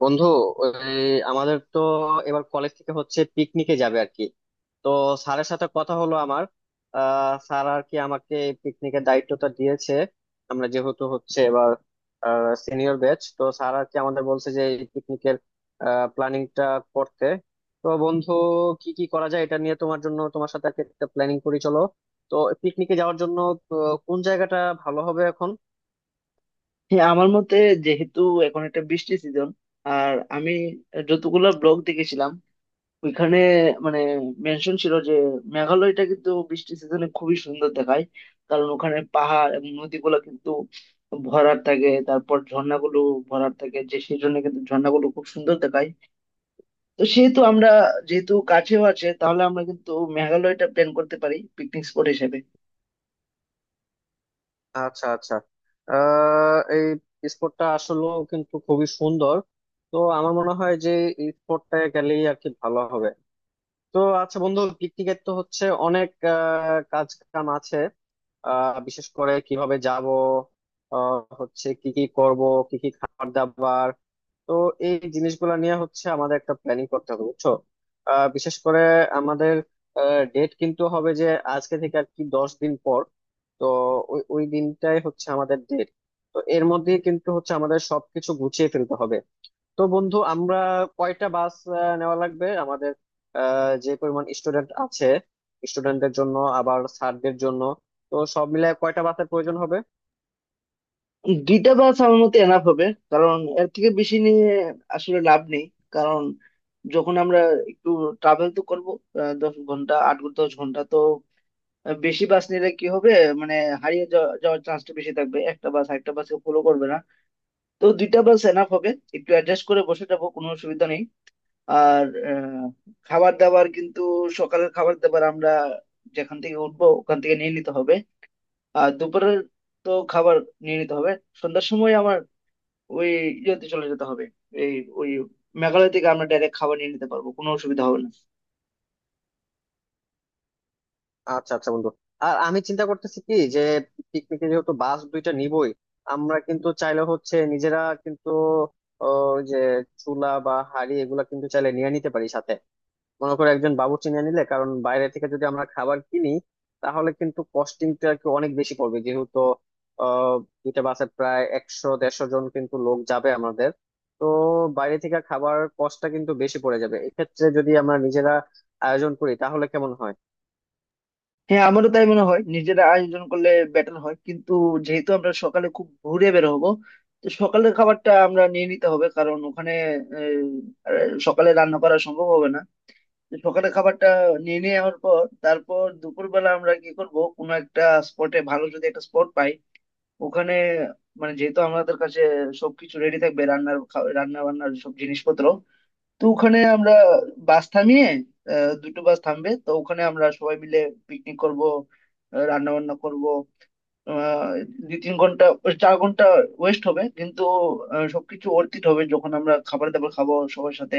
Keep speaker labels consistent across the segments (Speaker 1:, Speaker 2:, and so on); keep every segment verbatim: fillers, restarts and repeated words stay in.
Speaker 1: বন্ধু, ওই, আমাদের তো এবার কলেজ থেকে হচ্ছে পিকনিকে যাবে আর কি। তো স্যারের সাথে কথা হলো আমার। আহ স্যার আর কি আমাকে পিকনিকের দায়িত্বটা দিয়েছে। আমরা যেহেতু হচ্ছে এবার সিনিয়র ব্যাচ, তো স্যার আর কি আমাদের বলছে যে এই পিকনিকের প্ল্যানিংটা করতে। তো বন্ধু, কি কি করা যায় এটা নিয়ে তোমার জন্য তোমার সাথে আর কি একটা প্ল্যানিং করি চলো। তো পিকনিকে যাওয়ার জন্য তো কোন জায়গাটা ভালো হবে এখন?
Speaker 2: হ্যাঁ, আমার মতে যেহেতু এখন একটা বৃষ্টি সিজন, আর আমি যতগুলো ব্লগ দেখেছিলাম ওইখানে মানে মেনশন ছিল যে মেঘালয়টা কিন্তু বৃষ্টি সিজনে খুবই সুন্দর দেখায়। কারণ ওখানে পাহাড় এবং নদীগুলো কিন্তু ভরাট থাকে, তারপর ঝর্ণাগুলো ভরাট থাকে, যে সেই জন্য কিন্তু ঝর্ণাগুলো খুব সুন্দর দেখায়। তো সেহেতু আমরা, যেহেতু কাছেও আছে, তাহলে আমরা কিন্তু মেঘালয়টা প্ল্যান করতে পারি পিকনিক স্পট হিসেবে।
Speaker 1: আচ্ছা, আচ্ছা। আহ এই স্পোর্টটা আসলে কিন্তু খুবই সুন্দর। তো আমার মনে হয় যে এই স্পোর্টটা গেলেই আর কি ভালো হবে। তো আচ্ছা বন্ধু, পিকনিকের তো হচ্ছে অনেক আহ, কাজ কাম আছে। আহ, বিশেষ করে কিভাবে যাব, আহ, হচ্ছে কি কি করব, কি কি খাবার দাবার। তো এই জিনিসগুলো নিয়ে হচ্ছে আমাদের একটা প্ল্যানিং করতে হবে বুঝছো। আহ, বিশেষ করে আমাদের ডেট কিন্তু হবে যে আজকে থেকে আর কি দশ দিন পর। তো ওই ওই দিনটাই হচ্ছে আমাদের ডেট। তো এর মধ্যে কিন্তু হচ্ছে আমাদের সবকিছু গুছিয়ে ফেলতে হবে। তো বন্ধু, আমরা কয়টা বাস আহ, নেওয়া লাগবে আমাদের? আহ, যে পরিমাণ স্টুডেন্ট আছে, স্টুডেন্টদের জন্য আবার স্যারদের জন্য, তো সব মিলে কয়টা বাসের প্রয়োজন হবে?
Speaker 2: দুইটা বাস আমার মতে এনাফ হবে, কারণ এর থেকে বেশি নিয়ে আসলে লাভ নেই। কারণ যখন আমরা একটু ট্রাভেল তো করব, দশ ঘন্টা, আট ঘন্টা, দশ ঘন্টা তো আহ, বেশি বাস নিলে কি হবে, মানে হারিয়ে যাওয়া- যাওয়ার চান্সটা বেশি থাকবে, একটা বাস আরেকটা বাসকে ফলো করবে না। তো দুইটা বাস এনাফ হবে, একটু অ্যাডজাস্ট করে বসে যাবো, কোনো অসুবিধা নেই। আর আহ, খাবার দাবার কিন্তু, সকালের খাবার দাবার আমরা যেখান থেকে উঠবো ওখান থেকে নিয়ে নিতে হবে। আর দুপুরের তো খাবার নিয়ে নিতে হবে। সন্ধ্যার সময় ওই ইয়েতে চলে যেতে হবে। এই ওই মেঘালয় থেকে আমরা ডাইরেক্ট খাবার নিয়ে নিতে পারবো, কোনো অসুবিধা হবে না।
Speaker 1: আচ্ছা আচ্ছা বন্ধু। আর আমি চিন্তা করতেছি কি যে পিকনিকে যেহেতু বাস দুইটা নিবই, আমরা কিন্তু চাইলে হচ্ছে নিজেরা কিন্তু ও, যে চুলা বা হাঁড়ি এগুলা কিন্তু চাইলে নিয়ে নিতে পারি সাথে। মনে করো একজন বাবুর্চি নিয়ে নিলে, কারণ বাইরে থেকে যদি আমরা খাবার কিনি তাহলে কিন্তু কস্টিংটা আর কি অনেক বেশি পড়বে, যেহেতু আহ দুইটা বাসে প্রায় একশো দেড়শো জন কিন্তু লোক যাবে আমাদের। তো বাইরে থেকে খাবার কষ্টটা কিন্তু বেশি পড়ে যাবে এক্ষেত্রে। যদি আমরা নিজেরা আয়োজন করি তাহলে কেমন হয়?
Speaker 2: হ্যাঁ, আমারও তাই মনে হয়, নিজেরা আয়োজন করলে বেটার হয়। কিন্তু যেহেতু আমরা সকালে খুব ঘুরে বের হবো, তো সকালের খাবারটা আমরা নিয়ে নিতে হবে, কারণ ওখানে আহ, আহ, সকালে রান্না করা সম্ভব হবে না। তো সকালের খাবারটা নিয়ে নেওয়ার পর, তারপর দুপুরবেলা আমরা কি করব, কোনো একটা স্পটে, ভালো যদি একটা স্পট পাই ওখানে, মানে যেহেতু আমাদের কাছে সবকিছু রেডি থাকবে, রান্নার খা- রান্না বান্নার সব জিনিসপত্র, তো ওখানে আমরা বাস থামিয়ে, আহ, দুটো বাস থামবে, তো ওখানে আমরা সবাই মিলে পিকনিক করব, রান্না বান্না করব। আহ, দুই তিন ঘন্টা, ওই চার ঘন্টা ওয়েস্ট হবে, কিন্তু আহ, সবকিছু অর্থিত হবে যখন আমরা খাবার দাবার খাবো সবার সাথে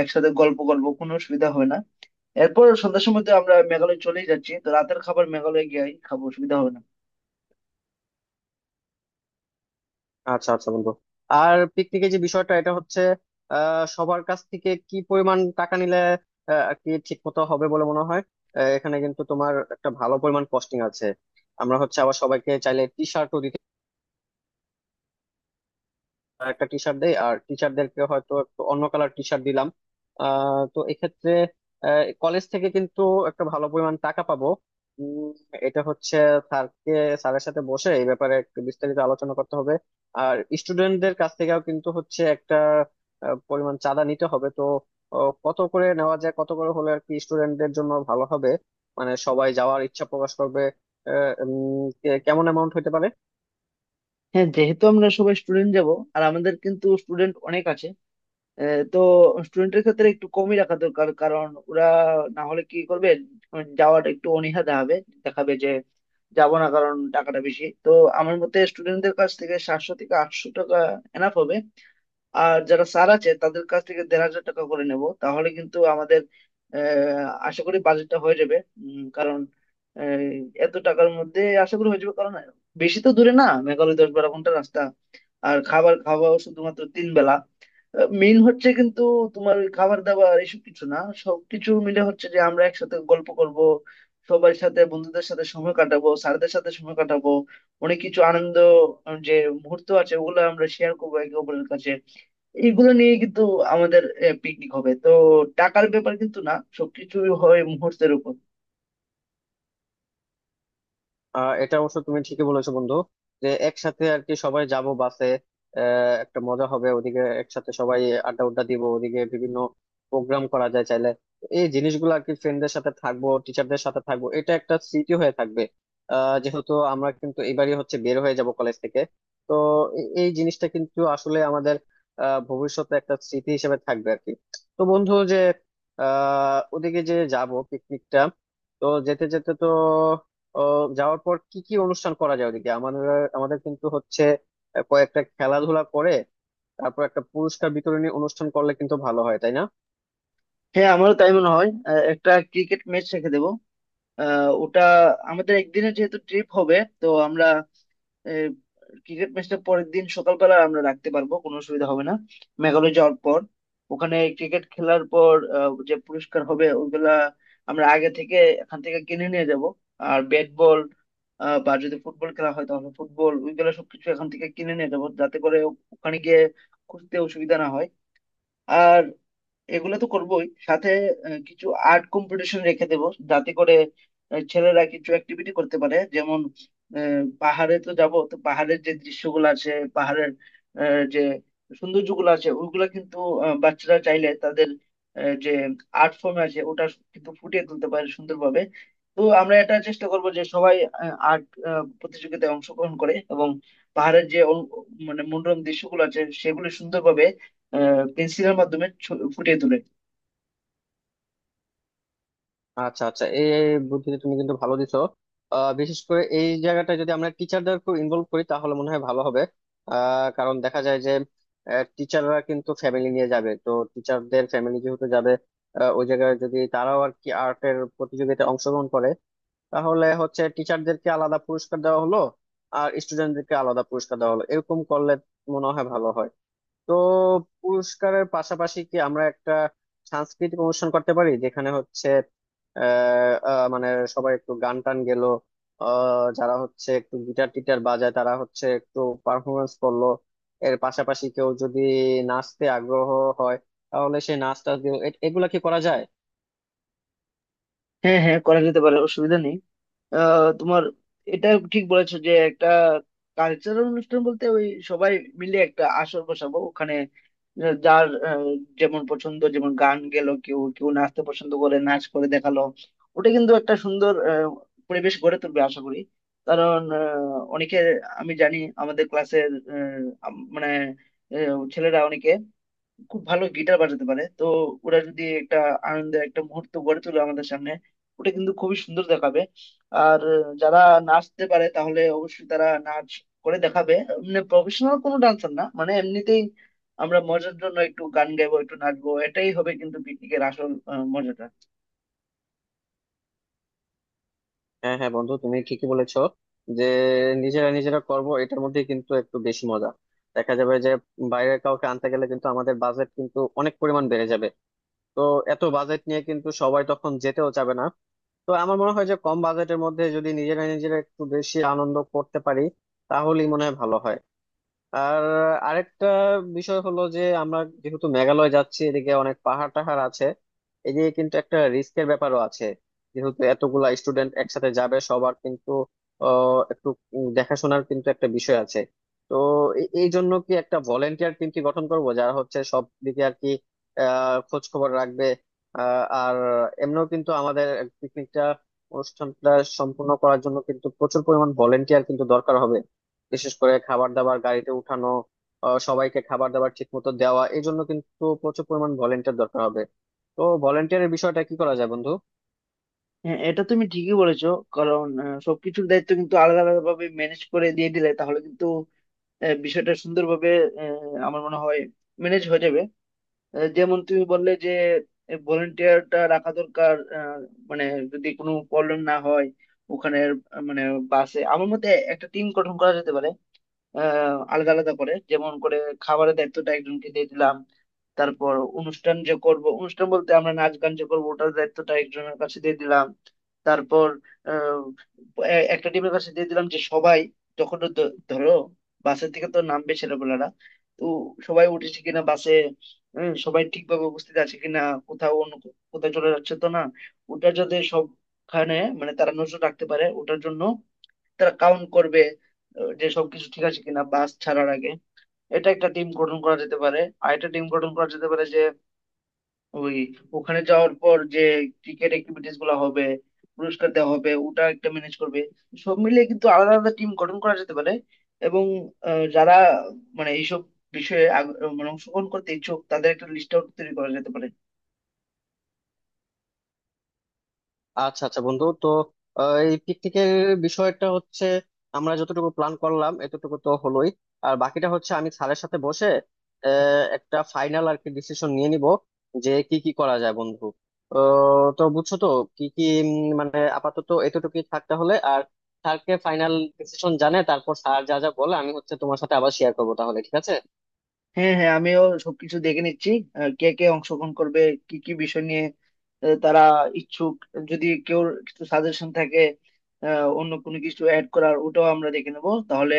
Speaker 2: একসাথে, গল্প করবো, কোনো অসুবিধা হবে না। এরপর সন্ধ্যার সময় তো আমরা মেঘালয় চলেই যাচ্ছি, তো রাতের খাবার মেঘালয় গিয়ে খাবো, অসুবিধা হবে না।
Speaker 1: আচ্ছা আচ্ছা বন্ধু। আর পিকনিকের যে বিষয়টা এটা হচ্ছে আহ সবার কাছ থেকে কি পরিমাণ টাকা নিলে আহ, আর কি ঠিক মতো হবে বলে মনে হয়? আহ, এখানে কিন্তু তোমার একটা ভালো পরিমাণ কস্টিং আছে। আমরা হচ্ছে আবার সবাইকে চাইলে টি শার্টও, আর একটা টি শার্ট দেই আর টিচারদেরকে হয়তো একটু অন্য কালার টি শার্ট দিলাম। আহ, তো এক্ষেত্রে কলেজ থেকে কিন্তু একটা ভালো পরিমাণ টাকা পাবো। উম, এটা হচ্ছে স্যারকে, স্যারের সাথে বসে এই ব্যাপারে একটু বিস্তারিত আলোচনা করতে হবে। আর স্টুডেন্টদের কাছ থেকেও কিন্তু হচ্ছে একটা আহ, পরিমাণ চাঁদা নিতে হবে। তো আহ, কত করে নেওয়া যায়, কত করে হলে আর কি স্টুডেন্টদের জন্য ভালো হবে, মানে সবাই যাওয়ার ইচ্ছা প্রকাশ করবে। আহ, উম, কে- কেমন অ্যামাউন্ট হতে পারে?
Speaker 2: হ্যাঁ, যেহেতু আমরা সবাই স্টুডেন্ট যাব, আর আমাদের কিন্তু স্টুডেন্ট অনেক আছে, আহ, তো স্টুডেন্টের ক্ষেত্রে একটু কমই রাখা দরকার, কারণ ওরা না হলে কি করবে, উম, যাওয়াটা একটু অনীহা দেখাবে, দেখাবে যে যাবো না, কারণ টাকাটা বেশি তো। আমার মতে স্টুডেন্টদের কাছ থেকে সাতশো থেকে আটশো টাকা এনাফ হবে। আর যারা স্যার আছে তাদের কাছ থেকে দেড় হাজার টাকা করে নেব, তাহলে কিন্তু আমাদের আহ, আশা করি বাজেটটা হয়ে যাবে। উম, কারণ আহ, এত টাকার মধ্যে আশা করি হয়ে যাবে, কারণ বেশি তো দূরে না মেঘালয়, দশ বারো ঘন্টা রাস্তা। আর খাবার খাওয়াও শুধুমাত্র তিন বেলা। মেইন হচ্ছে কিন্তু তোমার ওই খাবার দাবার এসব কিছু না, সবকিছু মিলে হচ্ছে যে আমরা একসাথে গল্প করব, সবার সাথে, বন্ধুদের সাথে সময় কাটাবো, স্যারদের সাথে সময় কাটাবো, অনেক কিছু আনন্দ আহ, যে মুহূর্ত আছে ওগুলো আমরা শেয়ার করবো একে অপরের কাছে। এগুলো নিয়ে কিন্তু আমাদের পিকনিক হবে তো, টাকার ব্যাপার কিন্তু না, সবকিছুই হয় মুহূর্তের উপর।
Speaker 1: আহ এটা অবশ্য তুমি ঠিকই বলেছো বন্ধু। যে একসাথে আর কি সবাই যাব বাসে, আহ একটা মজা হবে ওদিকে একসাথে সবাই আড্ডা উড্ডা দিব, ওদিকে বিভিন্ন প্রোগ্রাম করা যায় চাইলে। এই জিনিসগুলো আর কি, ফ্রেন্ডদের সাথে থাকবো টিচারদের সাথে থাকবো, এটা একটা স্মৃতি হয়ে থাকবে। আহ যেহেতু আমরা কিন্তু এবারই হচ্ছে বের হয়ে যাব কলেজ থেকে, তো এ- এই জিনিসটা কিন্তু আসলে আমাদের আহ ভবিষ্যতে একটা স্মৃতি হিসেবে থাকবে আর কি। তো বন্ধু যে আহ ওদিকে যে যাব পিকনিকটা, তো যেতে যেতে তো আহ, যাওয়ার পর কি কি অনুষ্ঠান করা যায় ওদিকে আমাদের? আমাদের কিন্তু হচ্ছে আহ, কয়েকটা খেলাধুলা করে তারপর একটা পুরস্কার বিতরণী অনুষ্ঠান করলে কিন্তু ভালো হয়, তাই না?
Speaker 2: হ্যাঁ, আমারও তাই মনে হয়, আহ, একটা ক্রিকেট ম্যাচ রেখে দেবো। আহ, ওটা আমাদের একদিনের যেহেতু ট্রিপ হবে, তো আমরা ক্রিকেট ম্যাচটা পরের দিন সকালবেলা আমরা রাখতে পারবো, কোনো অসুবিধা হবে না। মেঘালয় যাওয়ার পর ওখানে ক্রিকেট খেলার পর আহ, যে পুরস্কার হবে ওইগুলা আমরা আগে থেকে এখান থেকে কিনে নিয়ে যাব। আর ব্যাট বল, আহ, বা যদি ফুটবল খেলা হয় তাহলে ফুটবল, ওইগুলা সবকিছু এখান থেকে কিনে নিয়ে যাবো, যাতে করে ওখানে গিয়ে খুঁজতে অসুবিধা না হয়। আর এগুলো তো করবোই, সাথে আহ, কিছু আর্ট কম্পিটিশন রেখে দেব, যাতে করে আহ, ছেলেরা কিছু অ্যাক্টিভিটি করতে পারে। যেমন আহ, পাহাড়ে তো যাব, তো পাহাড়ের যে দৃশ্যগুলো আছে, পাহাড়ের আহ, যে সৌন্দর্যগুলো আছে ওগুলো কিন্তু, আহ, বাচ্চারা চাইলে তাদের আহ, যে আর্ট ফর্ম আছে ওটা কিন্তু ফুটিয়ে তুলতে পারে সুন্দরভাবে। তো আমরা এটা চেষ্টা করব যে সবাই আর্ট প্রতিযোগিতায় অংশগ্রহণ করে, এবং পাহাড়ের যে অল- মানে মনোরম দৃশ্যগুলো আছে সেগুলো সুন্দরভাবে পেন্সিলের মাধ্যমে ছ- ফুটিয়ে তোলে।
Speaker 1: আচ্ছা আচ্ছা। এই এই বুদ্ধিতে তুমি কিন্তু ভালো দিছো। আহ, বিশেষ করে এই জায়গাটা যদি আমরা টিচারদেরকে ইনভলভ করি তাহলে মনে হয় ভালো হবে। আহ, কারণ দেখা যায় যে টিচাররা কিন্তু ফ্যামিলি নিয়ে যাবে, তো টিচারদের ফ্যামিলি যেহেতু যাবে, আহ, ওই জায়গায় যদি তারাও আর কি আর্টের প্রতিযোগিতায় অংশগ্রহণ করে তাহলে হচ্ছে টিচারদেরকে আলাদা পুরস্কার দেওয়া হলো আর স্টুডেন্টদেরকে আলাদা পুরস্কার দেওয়া হলো, এরকম করলে মনে হয় ভালো হয়। তো পুরস্কারের পাশাপাশি কি আমরা একটা সাংস্কৃতিক অনুষ্ঠান করতে পারি যেখানে হচ্ছে আহ আহ, মানে সবাই একটু গান টান গেলো, আহ যারা হচ্ছে একটু গিটার টিটার বাজায় তারা হচ্ছে একটু পারফরমেন্স করলো, এর পাশাপাশি কেউ যদি নাচতে আগ্রহ হয় তাহলে সে নাচ টাচ দিল? এ- এগুলা কি করা যায়?
Speaker 2: হ্যাঁ হ্যাঁ, করা যেতে পারে, অসুবিধা নেই। আহ, তোমার এটা ঠিক বলেছো যে একটা কালচারাল অনুষ্ঠান বলতে ওই সবাই মিলে একটা আসর বসাবো ওখানে, আহ, যার আহ, যেমন পছন্দ, যেমন গান গেলো, কেউ কেউ নাচতে পছন্দ করে নাচ করে দেখালো, ওটা কিন্তু একটা সুন্দর আহ, পরিবেশ গড়ে তুলবে আশা করি। কারণ আহ, অনেকে, আমি জানি আমাদের ক্লাসের মানে আহ, ছেলেরা অনেকে খুব ভালো গিটার বাজাতে পারে, তো ওরা যদি একটা আনন্দের একটা মুহূর্ত গড়ে তোলে আমাদের সামনে, ওটা কিন্তু খুবই সুন্দর দেখাবে। আর আহ, যারা নাচতে পারে তাহলে অবশ্যই তারা নাচ করে দেখাবে। মানে প্রফেশনাল কোনো ডান্সার না, মানে এমনিতেই আমরা মজার জন্য একটু গান গাইবো, একটু নাচবো, এটাই হবে কিন্তু পিকনিকের আসল আহ, মজাটা।
Speaker 1: হ্যাঁ হ্যাঁ বন্ধু, তুমি ঠিকই বলেছো যে নিজেরা নিজেরা করব এটার মধ্যে কিন্তু একটু বেশি মজা দেখা যাবে। যে বাইরে কাউকে আনতে গেলে কিন্তু আমাদের বাজেট কিন্তু অনেক পরিমাণ বেড়ে যাবে। তো এত বাজেট নিয়ে কিন্তু সবাই তখন যেতেও চাবে না। তো আমার মনে হয় যে কম বাজেটের মধ্যে যদি নিজেরা নিজেরা একটু বেশি আনন্দ করতে পারি তাহলেই মনে হয় ভালো হয়। আর আরেকটা বিষয় হলো যে আমরা যেহেতু মেঘালয় যাচ্ছি এদিকে অনেক পাহাড় টাহাড় আছে, এদিকে কিন্তু একটা রিস্কের ব্যাপারও আছে। যেহেতু এতগুলা স্টুডেন্ট একসাথে যাবে, সবার কিন্তু আহ, একটু উম, দেখাশোনার কিন্তু একটা বিষয় আছে। তো এ- এই জন্য কি একটা ভলেন্টিয়ার টিম কি গঠন করবো যারা হচ্ছে সব দিকে আর কি আহ খোঁজ খবর রাখবে। আহ, আর এমনিও কিন্তু আমাদের পিকনিকটা, অনুষ্ঠানটা সম্পূর্ণ করার জন্য কিন্তু প্রচুর পরিমাণ ভলেন্টিয়ার কিন্তু দরকার হবে। বিশেষ করে খাবার দাবার গাড়িতে উঠানো, আহ, সবাইকে খাবার দাবার ঠিক মতো দেওয়া, এই জন্য কিন্তু প্রচুর পরিমাণ ভলেন্টিয়ার দরকার হবে। তো ভলেন্টিয়ারের বিষয়টা কি করা যায় বন্ধু?
Speaker 2: হ্যাঁ, এটা তুমি ঠিকই বলেছো, কারণ আহ, সবকিছুর দায়িত্ব কিন্তু আলাদা আলাদা ভাবে ম্যানেজ করে দিয়ে দিলে তাহলে কিন্তু আহ, বিষয়টা সুন্দরভাবে আহ, আমার মনে হয় ম্যানেজ হয়ে যাবে। আহ, যেমন তুমি বললে যে ভলেন্টিয়ারটা রাখা দরকার, আহ, মানে যদি কোনো প্রবলেম না হয় ওখানে, আহ, মানে বাসে, আমার মতে একটা টিম গঠন করা যেতে পারে। আহ আলাদা আলাদা করে, যেমন করে খাবারের দায়িত্বটা একজনকে দিয়ে দিলাম, তারপর অনুষ্ঠান যে করব, অনুষ্ঠান বলতে আমরা নাচ গান যে করবো ওটার দায়িত্বটা একজনের কাছে দিয়ে দিলাম। তারপর আহ, এ- একটা টিমের কাছে দিয়ে দিলাম যে সবাই যখন ধ- ধরো বাসের থেকে তো নামবে ছেলেপেলারা, তো সবাই উঠেছে কিনা বাসে, হম, সবাই ঠিকভাবে উপস্থিত আছে কিনা, কোথাও অন্য কো- কোথাও চলে যাচ্ছে তো না, ওটা যাতে সবখানে, মানে তারা নজর রাখতে পারে ওটার জন্য, তারা কাউন্ট করবে আহ, যে সবকিছু ঠিক আছে কিনা বাস ছাড়ার আগে। এটা একটা টিম গঠন করা যেতে পারে। আর একটা টিম গঠন করা যেতে পারে, যে ওই ওখানে যাওয়ার পর যে ক্রিকেট অ্যাক্টিভিটিস গুলো হবে, পুরস্কার দেওয়া হবে, ওটা একটা ম্যানেজ করবে। সব মিলিয়ে কিন্তু আলাদা আলাদা টিম গঠন করা যেতে পারে, এবং আহ, যারা মানে এইসব বিষয়ে আগ- মানে অংশগ্রহণ করতে ইচ্ছুক তাদের একটা লিস্ট আউট তৈরি করা যেতে পারে।
Speaker 1: আচ্ছা আচ্ছা বন্ধু। তো আহ, এই পিকনিকের বিষয়টা হচ্ছে আমরা যতটুকু প্ল্যান করলাম এতটুকু তো হলোই। আর বাকিটা হচ্ছে আমি স্যারের সাথে বসে আহ, একটা ফাইনাল আর কি ডিসিশন নিয়ে নিব যে কি কি করা যায় বন্ধু। আহ, তো বুঝছো তো কি কি উম, মানে আপাতত এতটুকুই থাকতে হলে। আর স্যারকে ফাইনাল ডিসিশন জানে তারপর স্যার যা যা বলে আমি হচ্ছে তোমার সাথে আবার শেয়ার করবো, তাহলে ঠিক আছে।
Speaker 2: হ্যাঁ হ্যাঁ, আমিও সবকিছু দেখে নিচ্ছি, আহ, কে কে অংশগ্রহণ করবে, কি কি বিষয় নিয়ে আহ, তারা ইচ্ছুক, যদি কেউ কিছু সাজেশন থাকে, আহ, অন্য কোনো কিছু অ্যাড করার, ওটাও আমরা দেখে নেবো, তাহলে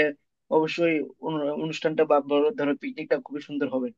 Speaker 2: অবশ্যই অনু- অনুষ্ঠানটা, বা বড় ধরো পিকনিকটা, খুবই সুন্দর হবে।